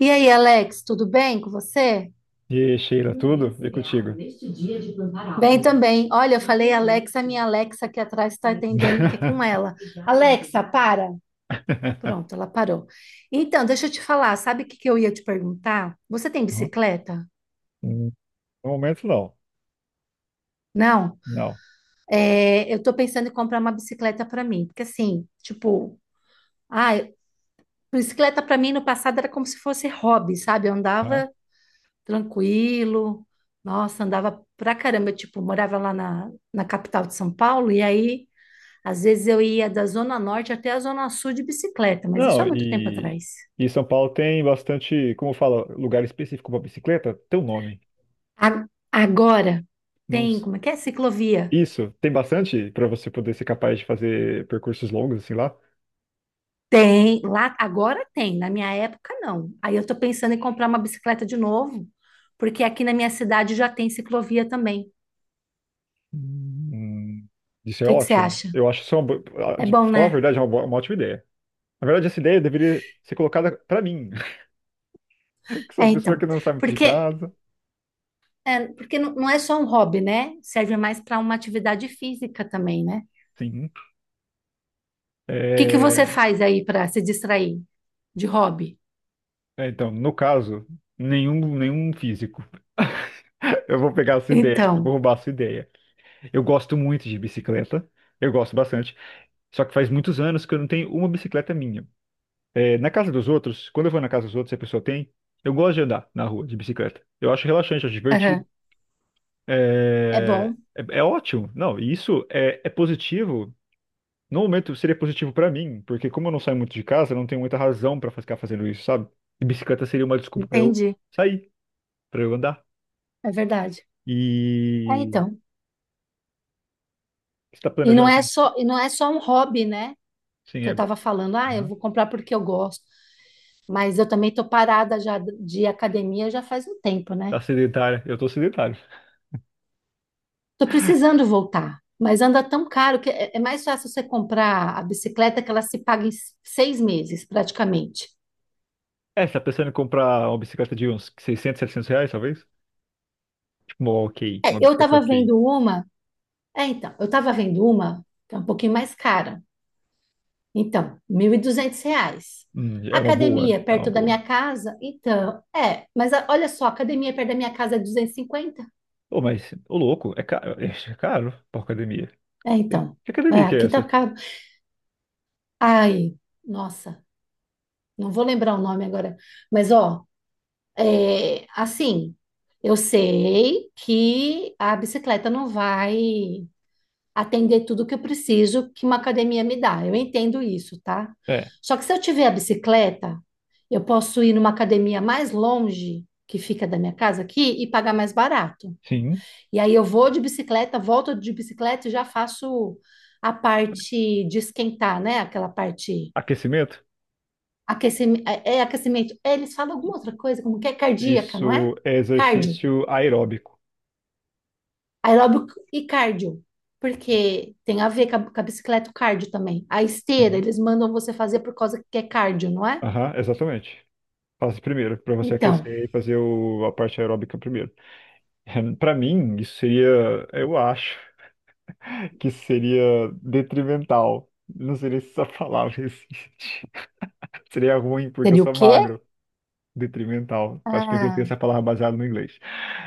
E aí, Alex, tudo bem com você? E Sheila, tudo? E contigo? Bem também. Olha, eu falei Alexa, a minha Alexa aqui atrás está entendendo que é com ela. Alexa, para. Pronto, ela parou. Então, deixa eu te falar, sabe o que que eu ia te perguntar? Você tem bicicleta? Hum, No momento, não. Não? Não. É, eu tô pensando em comprar uma bicicleta para mim, porque assim, tipo, ah, bicicleta para mim no passado era como se fosse hobby, sabe? Eu Hã? andava tranquilo. Nossa, andava pra caramba. Eu, tipo, morava lá na capital de São Paulo, e aí, às vezes, eu ia da Zona Norte até a Zona Sul de bicicleta, mas isso Não, há muito tempo e, atrás. e São Paulo tem bastante, como fala, lugar específico para bicicleta? Teu nome. Agora Não, tem, como é que é? Ciclovia. isso, tem bastante para você poder ser capaz de fazer percursos longos, assim lá. Tem, lá agora tem, na minha época não. Aí eu tô pensando em comprar uma bicicleta de novo, porque aqui na minha cidade já tem ciclovia também. O hum, Isso é que que você ótimo. acha? Eu acho isso É de bom, falar a né? verdade, é uma ótima ideia. Na verdade, essa ideia deveria ser colocada para mim, que sou É, uma pessoa então. que não sai muito de Porque casa. É, porque não é só um hobby, né? Serve mais para uma atividade física também, né? O Sim. que que você faz aí para se distrair de hobby? É, então, no caso, nenhum físico. Eu vou pegar a sua ideia, eu vou Então, roubar a sua ideia. Eu gosto muito de bicicleta, eu gosto bastante. Só que faz muitos anos que eu não tenho uma bicicleta minha. É, na casa dos outros, quando eu vou na casa dos outros e a pessoa tem, eu gosto de andar na rua de bicicleta. Eu acho relaxante, acho aham, divertido. é É, bom, é, é ótimo. Não, e isso é positivo. No momento seria positivo pra mim, porque como eu não saio muito de casa, eu não tenho muita razão pra ficar fazendo isso, sabe? E bicicleta seria uma desculpa pra eu entendi, sair, pra eu andar. é verdade. É, E então. você está planejando com... E não é só um hobby, né? Sim, Que eu é... estava falando, ah, eu Aham. vou comprar porque eu gosto. Mas eu também tô parada já de academia já faz um tempo, né? Tá sedentário. Eu tô sedentário. Tô precisando voltar, mas anda tão caro que é mais fácil você comprar a bicicleta, que ela se paga em 6 meses, praticamente. É, você tá pensando em comprar uma bicicleta de uns 600, 700 reais, talvez? Tipo uma ok, uma É, eu bicicleta estava ok. vendo uma, é, então, eu estava vendo uma, que é um pouquinho mais cara. Então, R$ 1.200. É uma boa, Academia é uma perto da boa. minha casa, então, é, mas olha só, academia perto da minha casa é 250. Ô, mas, ô louco, é caro, é caro pra academia. É, E, então, que é, academia que é aqui tá essa? caro. Ai, nossa, não vou lembrar o nome agora, mas ó, é, assim, eu sei que a bicicleta não vai atender tudo que eu preciso que uma academia me dá. Eu entendo isso, tá? É, Só que se eu tiver a bicicleta, eu posso ir numa academia mais longe, que fica da minha casa aqui, e pagar mais barato. sim. E aí eu vou de bicicleta, volto de bicicleta e já faço a parte de esquentar, né? Aquela parte Aquecimento? aquecimento, é aquecimento. Eles falam alguma outra coisa, como que é cardíaca, não é? Isso é Cardio. exercício aeróbico. Aeróbico e cardio, porque tem a ver com com a bicicleta o cardio também. A esteira, Sim. eles mandam você fazer por causa que é cardio, não é? Aham, exatamente. Faz primeiro, pra você Então, aquecer e fazer a parte aeróbica primeiro. Para mim, isso seria, eu acho que seria detrimental. Não seria se essa palavra existe. Seria ruim porque eu seria o sou quê? magro. Detrimental. Acho que eu inventei Ah, essa palavra baseada no inglês.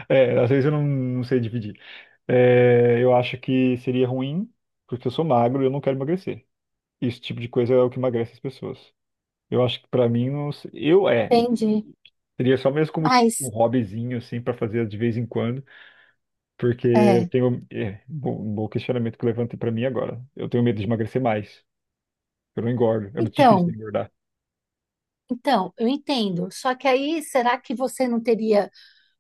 É, às vezes eu não sei dividir. É, eu acho que seria ruim porque eu sou magro e eu não quero emagrecer. Esse tipo de coisa é o que emagrece as pessoas. Eu acho que para mim, não, eu é. entendi. Seria só mesmo como um Mas, hobbyzinho, assim, para fazer de vez em quando. Porque eu é. tenho. É, bom, um bom questionamento que levantei pra mim agora. Eu tenho medo de emagrecer mais. Eu não engordo. É muito difícil Então, engordar. então, eu entendo. Só que aí, será que você não teria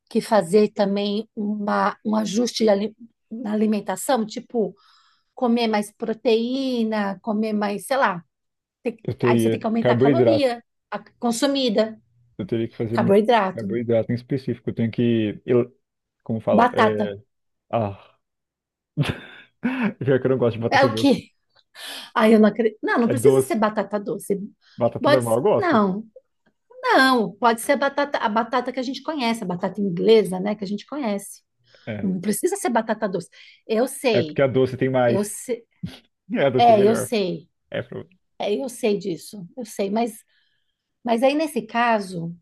que fazer também um ajuste na alimentação? Tipo, comer mais proteína, comer mais, sei lá. Tem- Eu aí você tem teria que aumentar carboidrato. A consumida, Eu teria que fazer muito carboidrato. carboidrato em específico. Eu tenho que. Como fala? Batata. É, ah. Pior que eu não gosto de É batata o doce. quê? Ai, eu não acredito. Não, não É precisa ser doce. batata doce. Batata Pode normal ser, eu gosto. Não. Pode ser a batata que a gente conhece, a batata inglesa, né, que a gente conhece. É. Não precisa ser batata doce. Eu É sei, porque a doce tem eu mais. sei. É, a doce é É, eu melhor. sei. É, É, eu sei disso. Eu sei, mas aí nesse caso,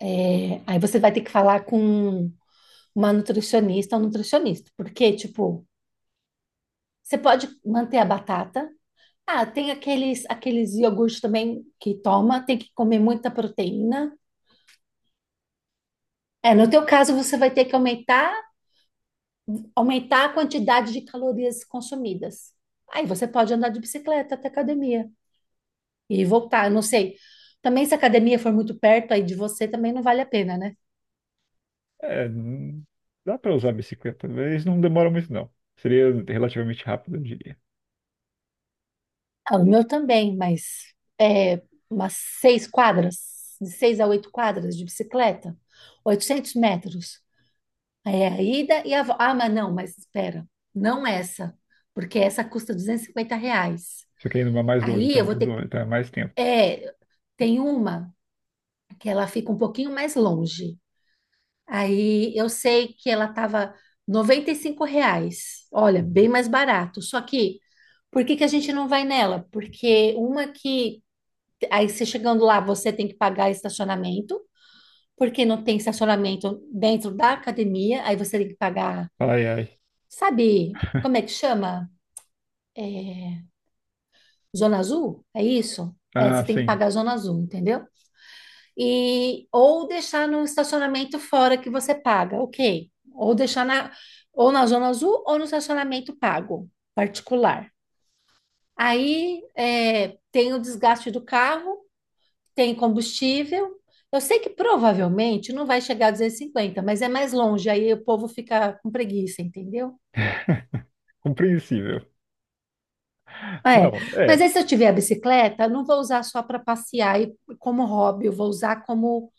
é, aí você vai ter que falar com uma nutricionista ou nutricionista, porque, tipo, você pode manter a batata. Ah, tem aqueles, aqueles iogurtes também que toma, tem que comer muita proteína. É, no teu caso, você vai ter que aumentar a quantidade de calorias consumidas. Aí você pode andar de bicicleta até a academia e voltar, eu não sei. Também se a academia for muito perto aí de você, também não vale a pena, né? é, hum, dá pra usar a bicicleta, mas não demora muito, não. Seria relativamente rápido, eu diria. Ah, o meu também, mas é umas 6 quadras, de 6 a 8 quadras de bicicleta, 800 metros. É a ida e a volta. Ah, mas não, mas espera, não essa, porque essa custa R$ 250. Só que indo mais longe, Aí tá eu vou mais ter que. longe, tá mais tempo. É, tem uma que ela fica um pouquinho mais longe. Aí eu sei que ela estava R$ 95. Olha, Uhum. bem mais barato. Só que, por que que a gente não vai nela? Porque uma que. Aí você chegando lá, você tem que pagar estacionamento, porque não tem estacionamento dentro da academia, aí você tem que pagar. Ai, ai. Sabe como é que chama? É, Zona Azul? É isso? É, Ah, você tem que sim. pagar a Zona Azul, entendeu? E, ou deixar no estacionamento fora que você paga, ok. Ou deixar na, ou na Zona Azul ou no estacionamento pago, particular. Aí é, tem o desgaste do carro, tem combustível. Eu sei que provavelmente não vai chegar a 250, mas é mais longe, aí o povo fica com preguiça, entendeu? Compreensível. É, Não, mas é. aí se eu tiver a bicicleta, eu não vou usar só para passear e como hobby, eu vou usar como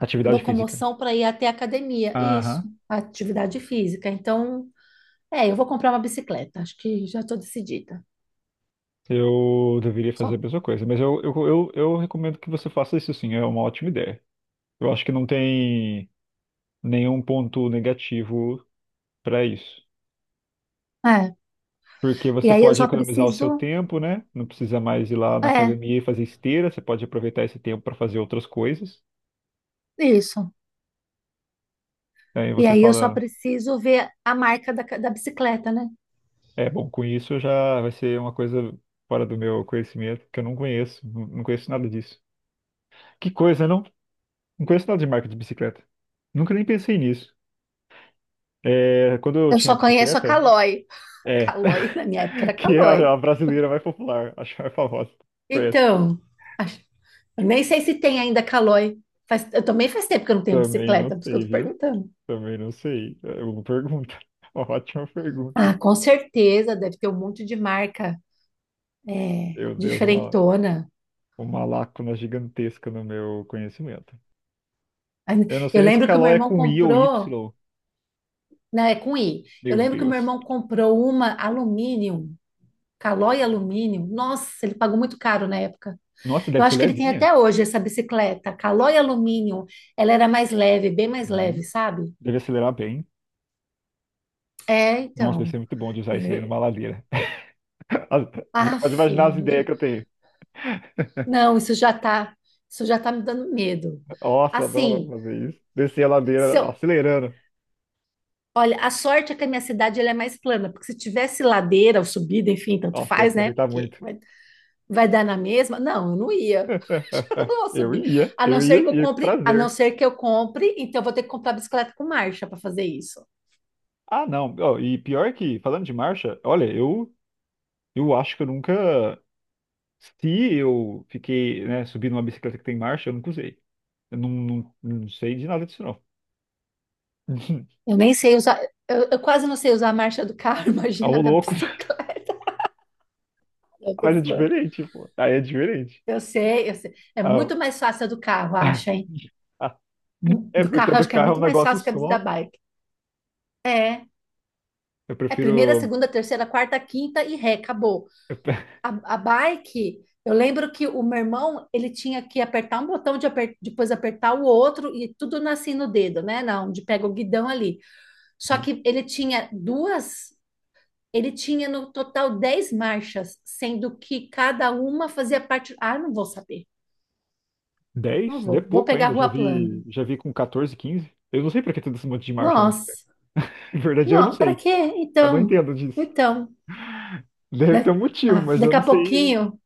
Atividade física. locomoção para ir até a academia. Isso, Aham. atividade física. Então, é, eu vou comprar uma bicicleta, acho que já estou decidida. Eu deveria fazer a Só. mesma coisa, mas eu recomendo que você faça isso sim, é uma ótima ideia. Eu acho que não tem nenhum ponto negativo para isso. É. Porque E você aí eu pode só economizar o seu preciso. tempo, né? Não precisa mais ir lá na É, academia e fazer esteira, você pode aproveitar esse tempo para fazer outras coisas. isso. Aí E você aí eu só fala, preciso ver a marca da bicicleta, né? é, bom, com isso já vai ser uma coisa fora do meu conhecimento, que eu não conheço, não conheço nada disso. Que coisa, não? Não conheço nada de marca de bicicleta. Nunca nem pensei nisso. É, quando eu Eu tinha só conheço a bicicleta, Caloi. é, Caloi, na minha época era que é a Caloi. a brasileira mais popular, a mais famosa. É, Então, eu nem sei se tem ainda Calói. Faz, eu também faz tempo que eu não tenho também não bicicleta, por isso que eu sei, tô viu? perguntando. Também não sei. É uma pergunta, uma ótima pergunta. Ah, com certeza, deve ter um monte de marca é, Meu Deus, uma, diferentona. uma lacuna gigantesca no meu conhecimento. Ah, Eu não sei Eu nem se lembro que o meu Calói é irmão com I ou comprou, Y. né, é com I. Eu Meu lembro que o meu Deus. irmão comprou uma alumínio, Calói alumínio. Nossa, ele pagou muito caro na época. Nossa, Eu deve ser acho que ele tem levinha. até hoje essa bicicleta, Calói alumínio. Ela era mais leve, bem mais leve, Uhum. sabe? Deve acelerar bem. É, Nossa, deve então. ser muito bom de usar isso daí Eu- numa ladeira. As- Você já pode Aff, imaginar as ideias que eu tenho. Não, isso já tá me dando medo. Nossa, eu adoro Assim, fazer isso. Descer a se ladeira eu, acelerando. olha, a sorte é que a minha cidade ela é mais plana, porque se tivesse ladeira ou subida, enfim, tanto Nossa, eu ia faz, né? aproveitar Porque muito. vai, vai dar na mesma. Não, eu não ia. Acho que eu não vou Eu subir. ia, eu ia, e A não prazer. ser que eu compre, então eu vou ter que comprar bicicleta com marcha para fazer isso. Ah, não. Ó, e pior que, falando de marcha, olha, eu acho que eu nunca. Se eu fiquei, né, subindo uma bicicleta que tem marcha, eu nunca usei. Eu não sei de nada disso, não. Eu nem sei usar, eu quase não sei usar a marcha do carro, Ah, imagina ô da louco. bicicleta. Eu tô Mas é zoando. diferente, pô. Aí é diferente. Eu sei. É Ah, muito o- mais fácil a do carro, acho, hein? É Do porque carro, do acho que é carro é um muito mais negócio fácil que a da só. bike. É. Eu É primeira, prefiro. segunda, terceira, quarta, quinta e ré, acabou. eu pre- A bike, eu lembro que o meu irmão, ele tinha que apertar um botão, de depois apertar o outro e tudo nascia no dedo, né? Na onde pega o guidão ali. Só que ele tinha duas, ele tinha no total 10 marchas, sendo que cada uma fazia parte. Ah, não vou saber, não 10? É vou. Vou pouco pegar a ainda. Eu já rua vi, plana. já vi com 14, 15. Eu não sei pra que tem esse monte de marcha na bicicleta. Nossa, Na verdade, eu não não, para sei. quê? Eu não Então, entendo disso. então. Deve ter Da- um motivo, ah, mas eu daqui a não sei. pouquinho,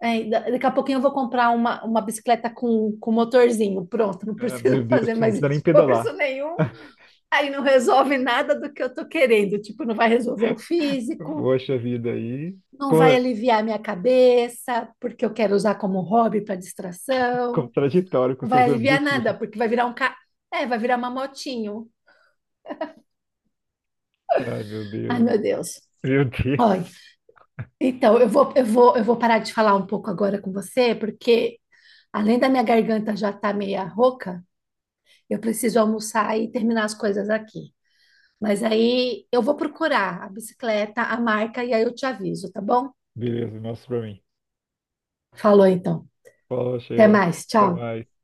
é, daqui a pouquinho eu vou comprar uma bicicleta com motorzinho. Pronto, não Ah, meu preciso Deus, fazer você não mais precisa nem esforço pedalar. nenhum. Aí não resolve nada do que eu tô querendo. Tipo, não vai resolver o físico, Poxa vida aí. não vai Co- aliviar minha cabeça, porque eu quero usar como hobby para distração. Contraditório com Não vai seus aliviar objetivos. nada, porque vai virar um ca... É, vai virar uma motinho. Ai, meu Ai, Deus. meu Deus. Meu Deus. Olha, então eu vou parar de falar um pouco agora com você, porque além da minha garganta já estar meia rouca, eu preciso almoçar e terminar as coisas aqui. Mas aí eu vou procurar a bicicleta, a marca e aí eu te aviso, tá bom? Beleza, mostra pra mim. Falou então. Fala, Até Sheila. mais. Até Tchau. mais.